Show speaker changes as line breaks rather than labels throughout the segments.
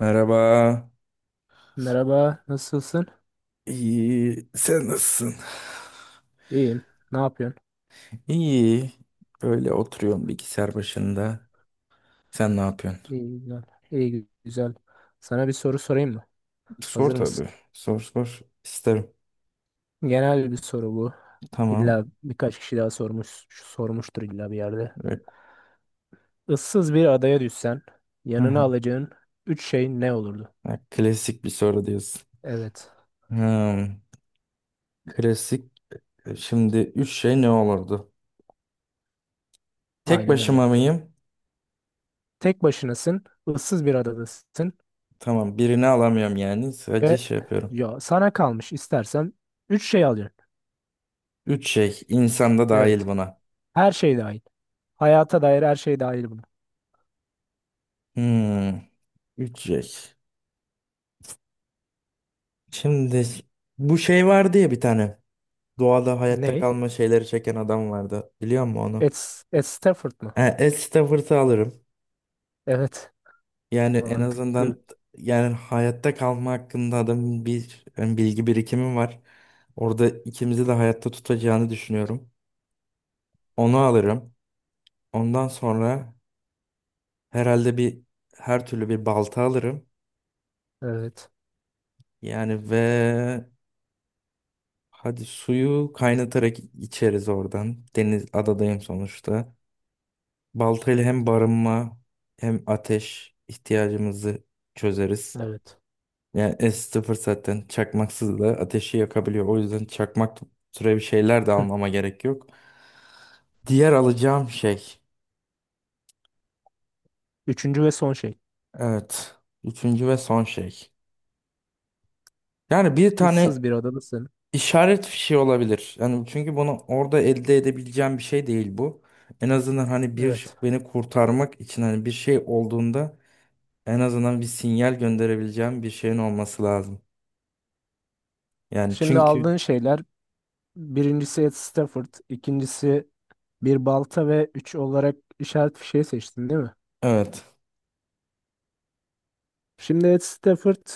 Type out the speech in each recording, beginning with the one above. Merhaba.
Merhaba, nasılsın?
İyi. Sen nasılsın?
İyiyim. Ne yapıyorsun?
İyi. Böyle oturuyorum bilgisayar başında. Sen ne yapıyorsun?
İyi güzel. İyi güzel. Sana bir soru sorayım mı?
Sor
Hazır mısın?
tabii. Sor sor. İsterim.
Genel bir soru bu. İlla
Tamam.
birkaç kişi daha sormuştur illa bir yerde.
Re-
Issız bir adaya düşsen,
Hı
yanına
hı.
alacağın üç şey ne olurdu?
Ha, klasik bir soru diyorsun.
Evet,
Hmm. Klasik. Şimdi üç şey ne olurdu? Tek
aynen öyle.
başıma mıyım?
Tek başınasın, ıssız bir adadasın
Tamam. Birini alamıyorum yani. Sadece
ve
şey yapıyorum.
ya sana kalmış istersen üç şey alacaksın.
Üç şey. İnsan da dahil
Evet,
buna.
her şey dahil. Hayata dair her şey dahil buna.
Hmm. Üç şey. Şimdi bu şey var diye bir tane. Doğada hayatta
Ne?
kalma şeyleri çeken adam vardı. Biliyor musun onu?
Ed, Ed Stafford mı?
E, Ed Stafford'ı alırım.
Evet.
Yani en
Mantıklı.
azından yani hayatta kalma hakkında adamın bir yani bilgi birikimi var. Orada ikimizi de hayatta tutacağını düşünüyorum. Onu alırım. Ondan sonra herhalde bir her türlü bir balta alırım.
Evet.
Yani ve hadi suyu kaynatarak içeriz oradan. Deniz adadayım sonuçta. Baltayla hem barınma hem ateş ihtiyacımızı çözeriz.
Evet.
Yani S0 zaten çakmaksız da ateşi yakabiliyor. O yüzden çakmak türevi şeyler de
Hı.
almama gerek yok. Diğer alacağım şey.
Üçüncü ve son şey.
Evet. Üçüncü ve son şey. Yani bir tane
Issız bir odadasın.
işaret fişi olabilir. Yani çünkü bunu orada elde edebileceğim bir şey değil bu. En azından hani bir
Evet.
beni kurtarmak için hani bir şey olduğunda en azından bir sinyal gönderebileceğim bir şeyin olması lazım. Yani
Şimdi
çünkü
aldığın şeyler birincisi Ed Stafford, ikincisi bir balta ve üç olarak işaret fişeği seçtin, değil mi?
evet.
Şimdi Ed Stafford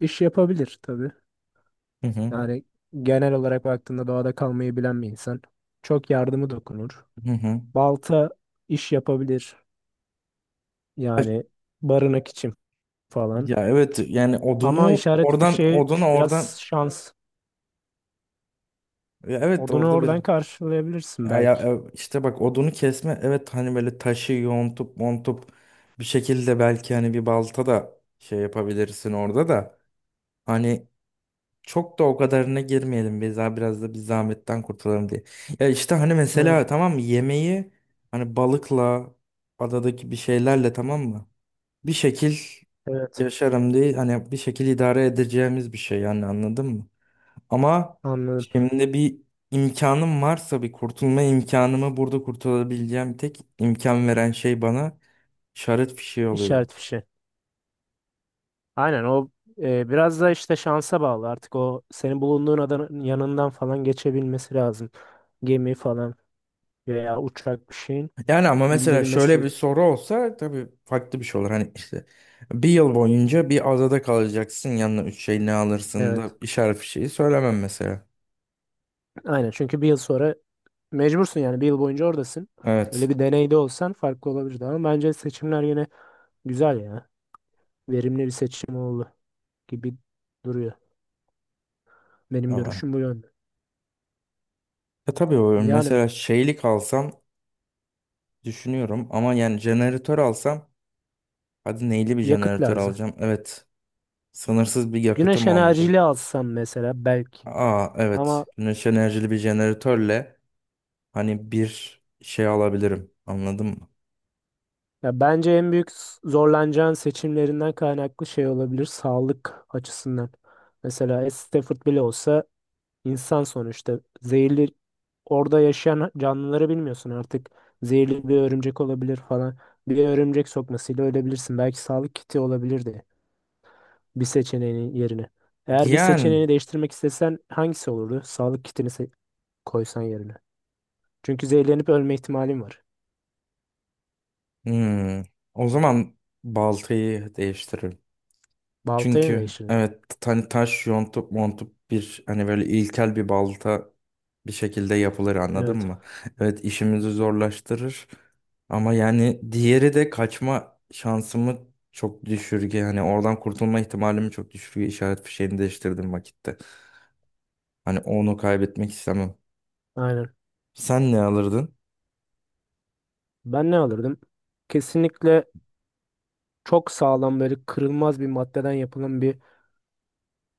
iş yapabilir tabii.
Hı hı.
Yani genel olarak baktığında doğada kalmayı bilen bir insan. Çok yardımı dokunur.
Hı hı.
Balta iş yapabilir.
Ay,
Yani barınak için falan.
ya evet yani
Ama
odunu
işaret
oradan
fişeği
odunu oradan
biraz şans.
ya evet
Odunu
orada bir
oradan karşılayabilirsin
ya,
belki.
işte bak odunu kesme evet hani böyle taşı yontup montup bir şekilde belki hani bir balta da şey yapabilirsin orada da hani çok da o kadarına girmeyelim biz daha biraz da bir zahmetten kurtulalım diye. Ya işte hani mesela
Ha,
tamam mı yemeği hani balıkla adadaki bir şeylerle tamam mı? Bir şekil
evet
yaşarım değil hani bir şekil idare edeceğimiz bir şey yani anladın mı? Ama
anladım.
şimdi bir imkanım varsa bir kurtulma imkanımı burada kurtulabileceğim tek imkan veren şey bana şarap fişeği oluyor.
İşaret fişeği. Aynen o biraz da işte şansa bağlı. Artık o senin bulunduğun adanın yanından falan geçebilmesi lazım. Gemi falan veya uçak bir şeyin
Yani ama mesela
bildirilmesi
şöyle bir
için.
soru olsa tabii farklı bir şey olur. Hani işte bir yıl boyunca bir adada kalacaksın yanına üç şey ne alırsın
Evet.
da işaret bir şeyi söylemem mesela.
Aynen çünkü bir yıl sonra mecbursun yani bir yıl boyunca oradasın. Öyle
Evet.
bir deneyde olsan farklı olabilirdi ama bence seçimler yine güzel ya. Verimli bir seçim oldu gibi duruyor. Benim
Ama.
görüşüm bu yönde.
E tabii o
Yani
mesela şeylik alsam düşünüyorum ama yani jeneratör alsam hadi neyli bir
yakıt
jeneratör
lazım.
alacağım? Evet. Sınırsız bir
Güneş
yakıtım olmayacak.
enerjili alsam mesela belki.
Aa
Ama
evet. Güneş enerjili bir jeneratörle hani bir şey alabilirim. Anladın mı?
ya bence en büyük zorlanacağın seçimlerinden kaynaklı şey olabilir sağlık açısından. Mesela Stafford bile olsa insan sonuçta zehirli orada yaşayan canlıları bilmiyorsun artık. Zehirli bir örümcek olabilir falan. Bir örümcek sokmasıyla ölebilirsin. Belki sağlık kiti olabilirdi bir seçeneğin yerine. Eğer bir
Yani
seçeneğini değiştirmek istesen hangisi olurdu? Sağlık kitini koysan yerine. Çünkü zehirlenip ölme ihtimalim var.
hmm, o zaman baltayı değiştiririm.
Baltayı mı
Çünkü
değiştirdin?
evet hani taş yontup montup bir hani böyle ilkel bir balta bir şekilde yapılır anladın
Evet.
mı? Evet işimizi zorlaştırır ama yani diğeri de kaçma şansımı çok düşürge hani oradan kurtulma ihtimalimi çok düşürge işaret fişeğini değiştirdim vakitte. Hani onu kaybetmek istemem.
Aynen.
Sen ne alırdın?
Ben ne alırdım? Kesinlikle çok sağlam böyle kırılmaz bir maddeden yapılan bir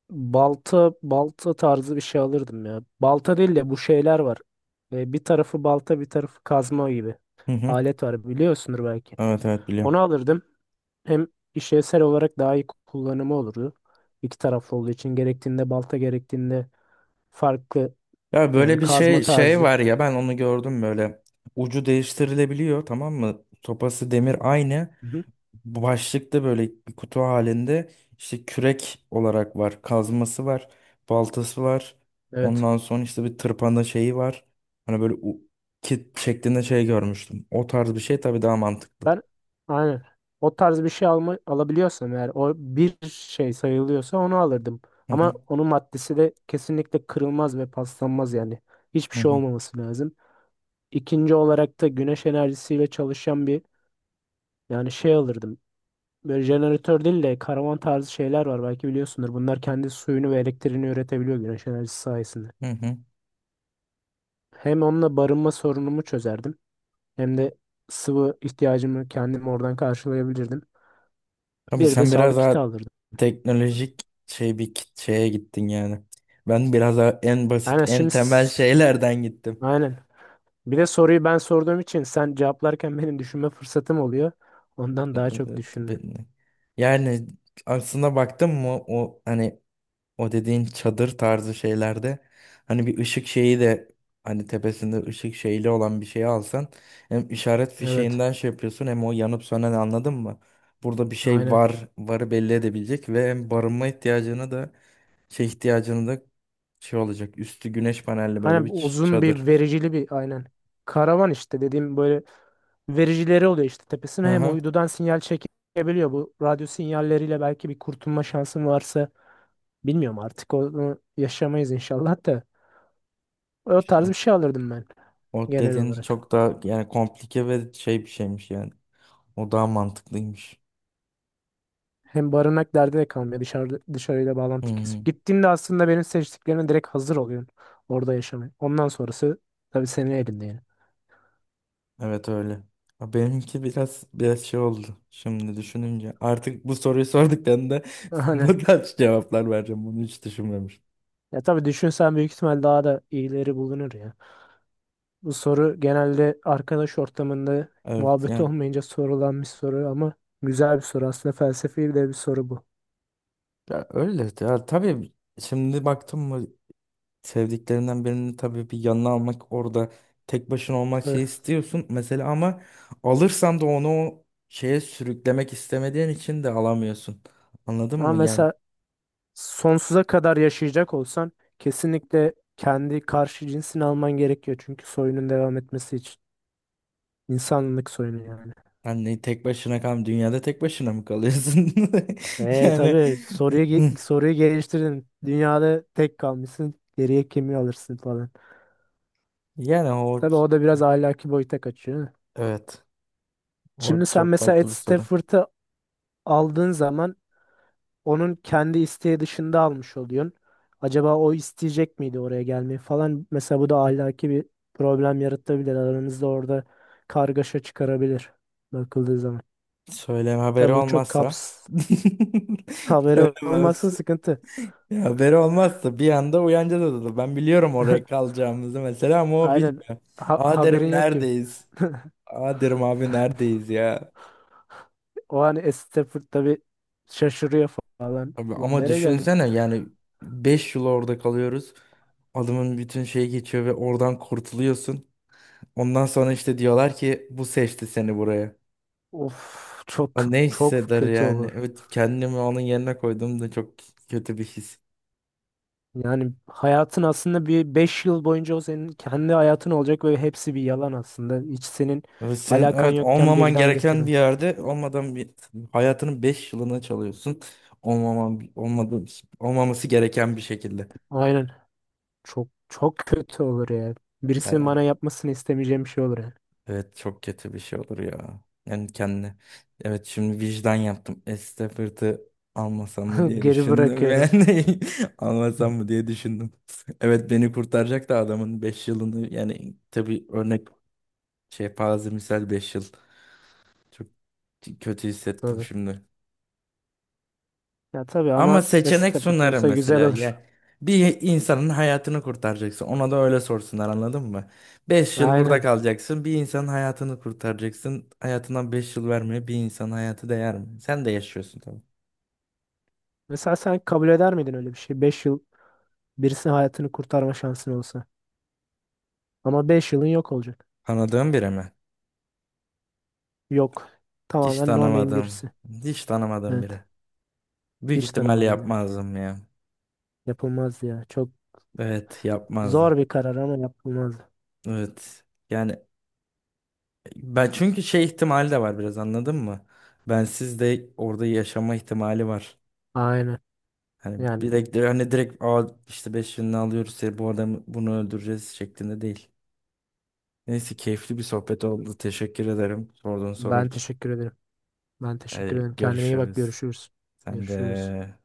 balta tarzı bir şey alırdım ya. Balta değil de bu şeyler var. Bir tarafı balta bir tarafı kazma gibi.
Hı hı.
Alet var biliyorsundur belki.
Evet evet
Onu
biliyorum.
alırdım. Hem işlevsel olarak daha iyi kullanımı olurdu. İki taraflı olduğu için gerektiğinde balta gerektiğinde farklı
Ya
yani
böyle bir
kazma
şey şey var
tarzı.
ya ben onu gördüm böyle. Ucu değiştirilebiliyor tamam mı? Sopası demir aynı.
Hı hı.
Bu başlıkta böyle bir kutu halinde işte kürek olarak var. Kazması var. Baltası var.
Evet.
Ondan sonra işte bir tırpanda şeyi var. Hani böyle kit şeklinde şey görmüştüm. O tarz bir şey tabii daha mantıklı.
Ben aynen o tarz bir şey alabiliyorsam eğer o bir şey sayılıyorsa onu alırdım.
Hı
Ama
hı
onun maddesi de kesinlikle kırılmaz ve paslanmaz yani. Hiçbir
hı
şey
hı
olmaması lazım. İkinci olarak da güneş enerjisiyle çalışan bir yani şey alırdım. Böyle jeneratör değil de karavan tarzı şeyler var belki biliyorsundur. Bunlar kendi suyunu ve elektriğini üretebiliyor güneş enerjisi sayesinde.
hı. Hı.
Hem onunla barınma sorunumu çözerdim hem de sıvı ihtiyacımı kendim oradan karşılayabilirdim.
Abi
Bir de
sen biraz
sağlık kiti
daha
alırdım.
teknolojik şey bir şeye gittin yani. Ben biraz daha en basit,
Aynen
en
şimdi
temel şeylerden gittim.
aynen. Bir de soruyu ben sorduğum için sen cevaplarken benim düşünme fırsatım oluyor. Ondan daha çok
Evet,
düşündüm.
yani aslında baktım mı o hani o dediğin çadır tarzı şeylerde hani bir ışık şeyi de hani tepesinde ışık şeyli olan bir şey alsan hem işaret
Evet.
fişeğinden şey yapıyorsun hem o yanıp sönen anladın mı? Burada bir şey
Aynen.
var, varı belli edebilecek ve hem barınma ihtiyacını da şey ihtiyacını da şey olacak. Üstü güneş panelli böyle
Aynen
bir
uzun bir
çadır.
vericili bir aynen. Karavan işte dediğim böyle vericileri oluyor işte
Hı
tepesine hem
hı.
uydudan sinyal çekebiliyor. Bu radyo sinyalleriyle belki bir kurtulma şansım varsa bilmiyorum artık onu yaşamayız inşallah da. O tarz
İşte.
bir şey alırdım ben
O
genel
dediğin
olarak.
çok daha yani komplike ve şey bir şeymiş yani. O daha mantıklıymış.
Hem barınak derdi de kalmıyor. Dışarıyla
Hı
bağlantı kesiyor.
hı.
Gittiğinde aslında benim seçtiklerine direkt hazır oluyorsun. Orada yaşamaya. Ondan sonrası tabii senin elinde yani.
Evet öyle. Ha, benimki biraz şey oldu. Şimdi düşününce artık bu soruyu sorduklarında
Hani
bu tarz cevaplar vereceğim. Bunu hiç düşünmemiştim.
ya tabii düşünsen büyük ihtimal daha da iyileri bulunur ya. Bu soru genelde arkadaş ortamında
Evet
muhabbet
yani.
olmayınca sorulan bir soru ama güzel bir soru. Aslında felsefi de bir soru bu.
Ya öyle. Ya, tabii şimdi baktım mı sevdiklerinden birini tabii bir yanına almak orada tek başına olmak
Tabii.
şey istiyorsun mesela ama alırsan da onu o şeye sürüklemek istemediğin için de alamıyorsun. Anladın
Ama
mı? Yani
mesela sonsuza kadar yaşayacak olsan kesinlikle kendi karşı cinsini alman gerekiyor. Çünkü soyunun devam etmesi için. İnsanlık soyunu yani.
hani tek başına kal dünyada tek başına mı kalıyorsun?
E
Yani
tabii soruyu geliştirdin. Dünyada tek kalmışsın. Geriye kimi alırsın falan.
yani o
Tabii o da biraz ahlaki boyuta kaçıyor.
evet o
Şimdi sen
çok
mesela Ed
farklı bir soru.
Stafford'ı aldığın zaman onun kendi isteği dışında almış oluyorsun. Acaba o isteyecek miydi oraya gelmeyi falan. Mesela bu da ahlaki bir problem yaratabilir. Aranızda orada kargaşa çıkarabilir bakıldığı zaman.
Söyleme haberi
Tabii bu çok
olmazsa
haberi olmasın
söylemez.
sıkıntı.
Ya haberi olmazsa bir anda uyanacağız odada. Ben biliyorum oraya kalacağımızı mesela ama o
Aynen
bilmiyor. Aa derim
haberin yok gibi.
neredeyiz? Aa derim abi neredeyiz ya?
O hani Stafford tabii şaşırıyor falan.
Abi,
Ulan
ama
nereye geldik?
düşünsene yani 5 yıl orada kalıyoruz. Adamın bütün şeyi geçiyor ve oradan kurtuluyorsun. Ondan sonra işte diyorlar ki bu seçti seni buraya.
Of çok
Aa, ne
çok
hisseder
kötü
yani?
olur.
Evet kendimi onun yerine koyduğumda çok kötü bir his.
Yani hayatın aslında bir 5 yıl boyunca o senin kendi hayatın olacak ve hepsi bir yalan aslında. Hiç senin
Evet, senin
alakan
evet
yokken
olmaman
birden
gereken bir
getirilmiş.
yerde olmadan bir hayatının 5 yılını çalıyorsun. Olmaman olmadı Olmaması gereken bir şekilde.
Aynen. Çok çok kötü olur ya.
Yani,
Birisinin bana yapmasını istemeyeceğim bir şey olur yani.
evet çok kötü bir şey olur ya. Yani kendine. Evet şimdi vicdan yaptım. Estafir'i almasam mı diye
Geri
düşündüm
bırakıyorum.
yani. Almasam mı diye düşündüm. Evet beni kurtaracak da adamın 5 yılını yani tabii örnek şey parazimsel 5 yıl. Çok kötü hissettim
Tabii.
şimdi.
Ya tabii
Ama
ama
seçenek
Stafford
sunar
olsa güzel
mesela.
olur.
Ya bir insanın hayatını kurtaracaksın. Ona da öyle sorsunlar anladın mı? 5 yıl burada
Aynen.
kalacaksın. Bir insanın hayatını kurtaracaksın. Hayatından 5 yıl vermeye bir insanın hayatı değer mi? Sen de yaşıyorsun tabii.
Mesela sen kabul eder miydin öyle bir şey? 5 yıl birisinin hayatını kurtarma şansın olsa. Ama 5 yılın yok olacak.
Tanıdığın biri mi?
Yok.
Hiç
Tamamen no name
tanımadım.
birisi.
Hiç tanımadığım
Evet.
biri. Büyük
Hiç
ihtimalle
tanımadım ya.
yapmazdım ya.
Yapılmaz ya. Çok
Evet yapmazdım.
zor bir karar ama yapılmaz.
Evet. Yani ben çünkü şey ihtimali de var biraz anladın mı? Bensiz de orada yaşama ihtimali var.
Aynen.
Hani
Yani
direkt hani direkt Aa, işte 5 yılını alıyoruz seni bu adamı bunu öldüreceğiz şeklinde değil. Neyse keyifli bir sohbet oldu. Teşekkür ederim sorduğun soru
ben
için.
teşekkür ederim. Ben teşekkür ederim. Kendine iyi bak.
Görüşürüz.
Görüşürüz.
Sen
Görüşürüz.
de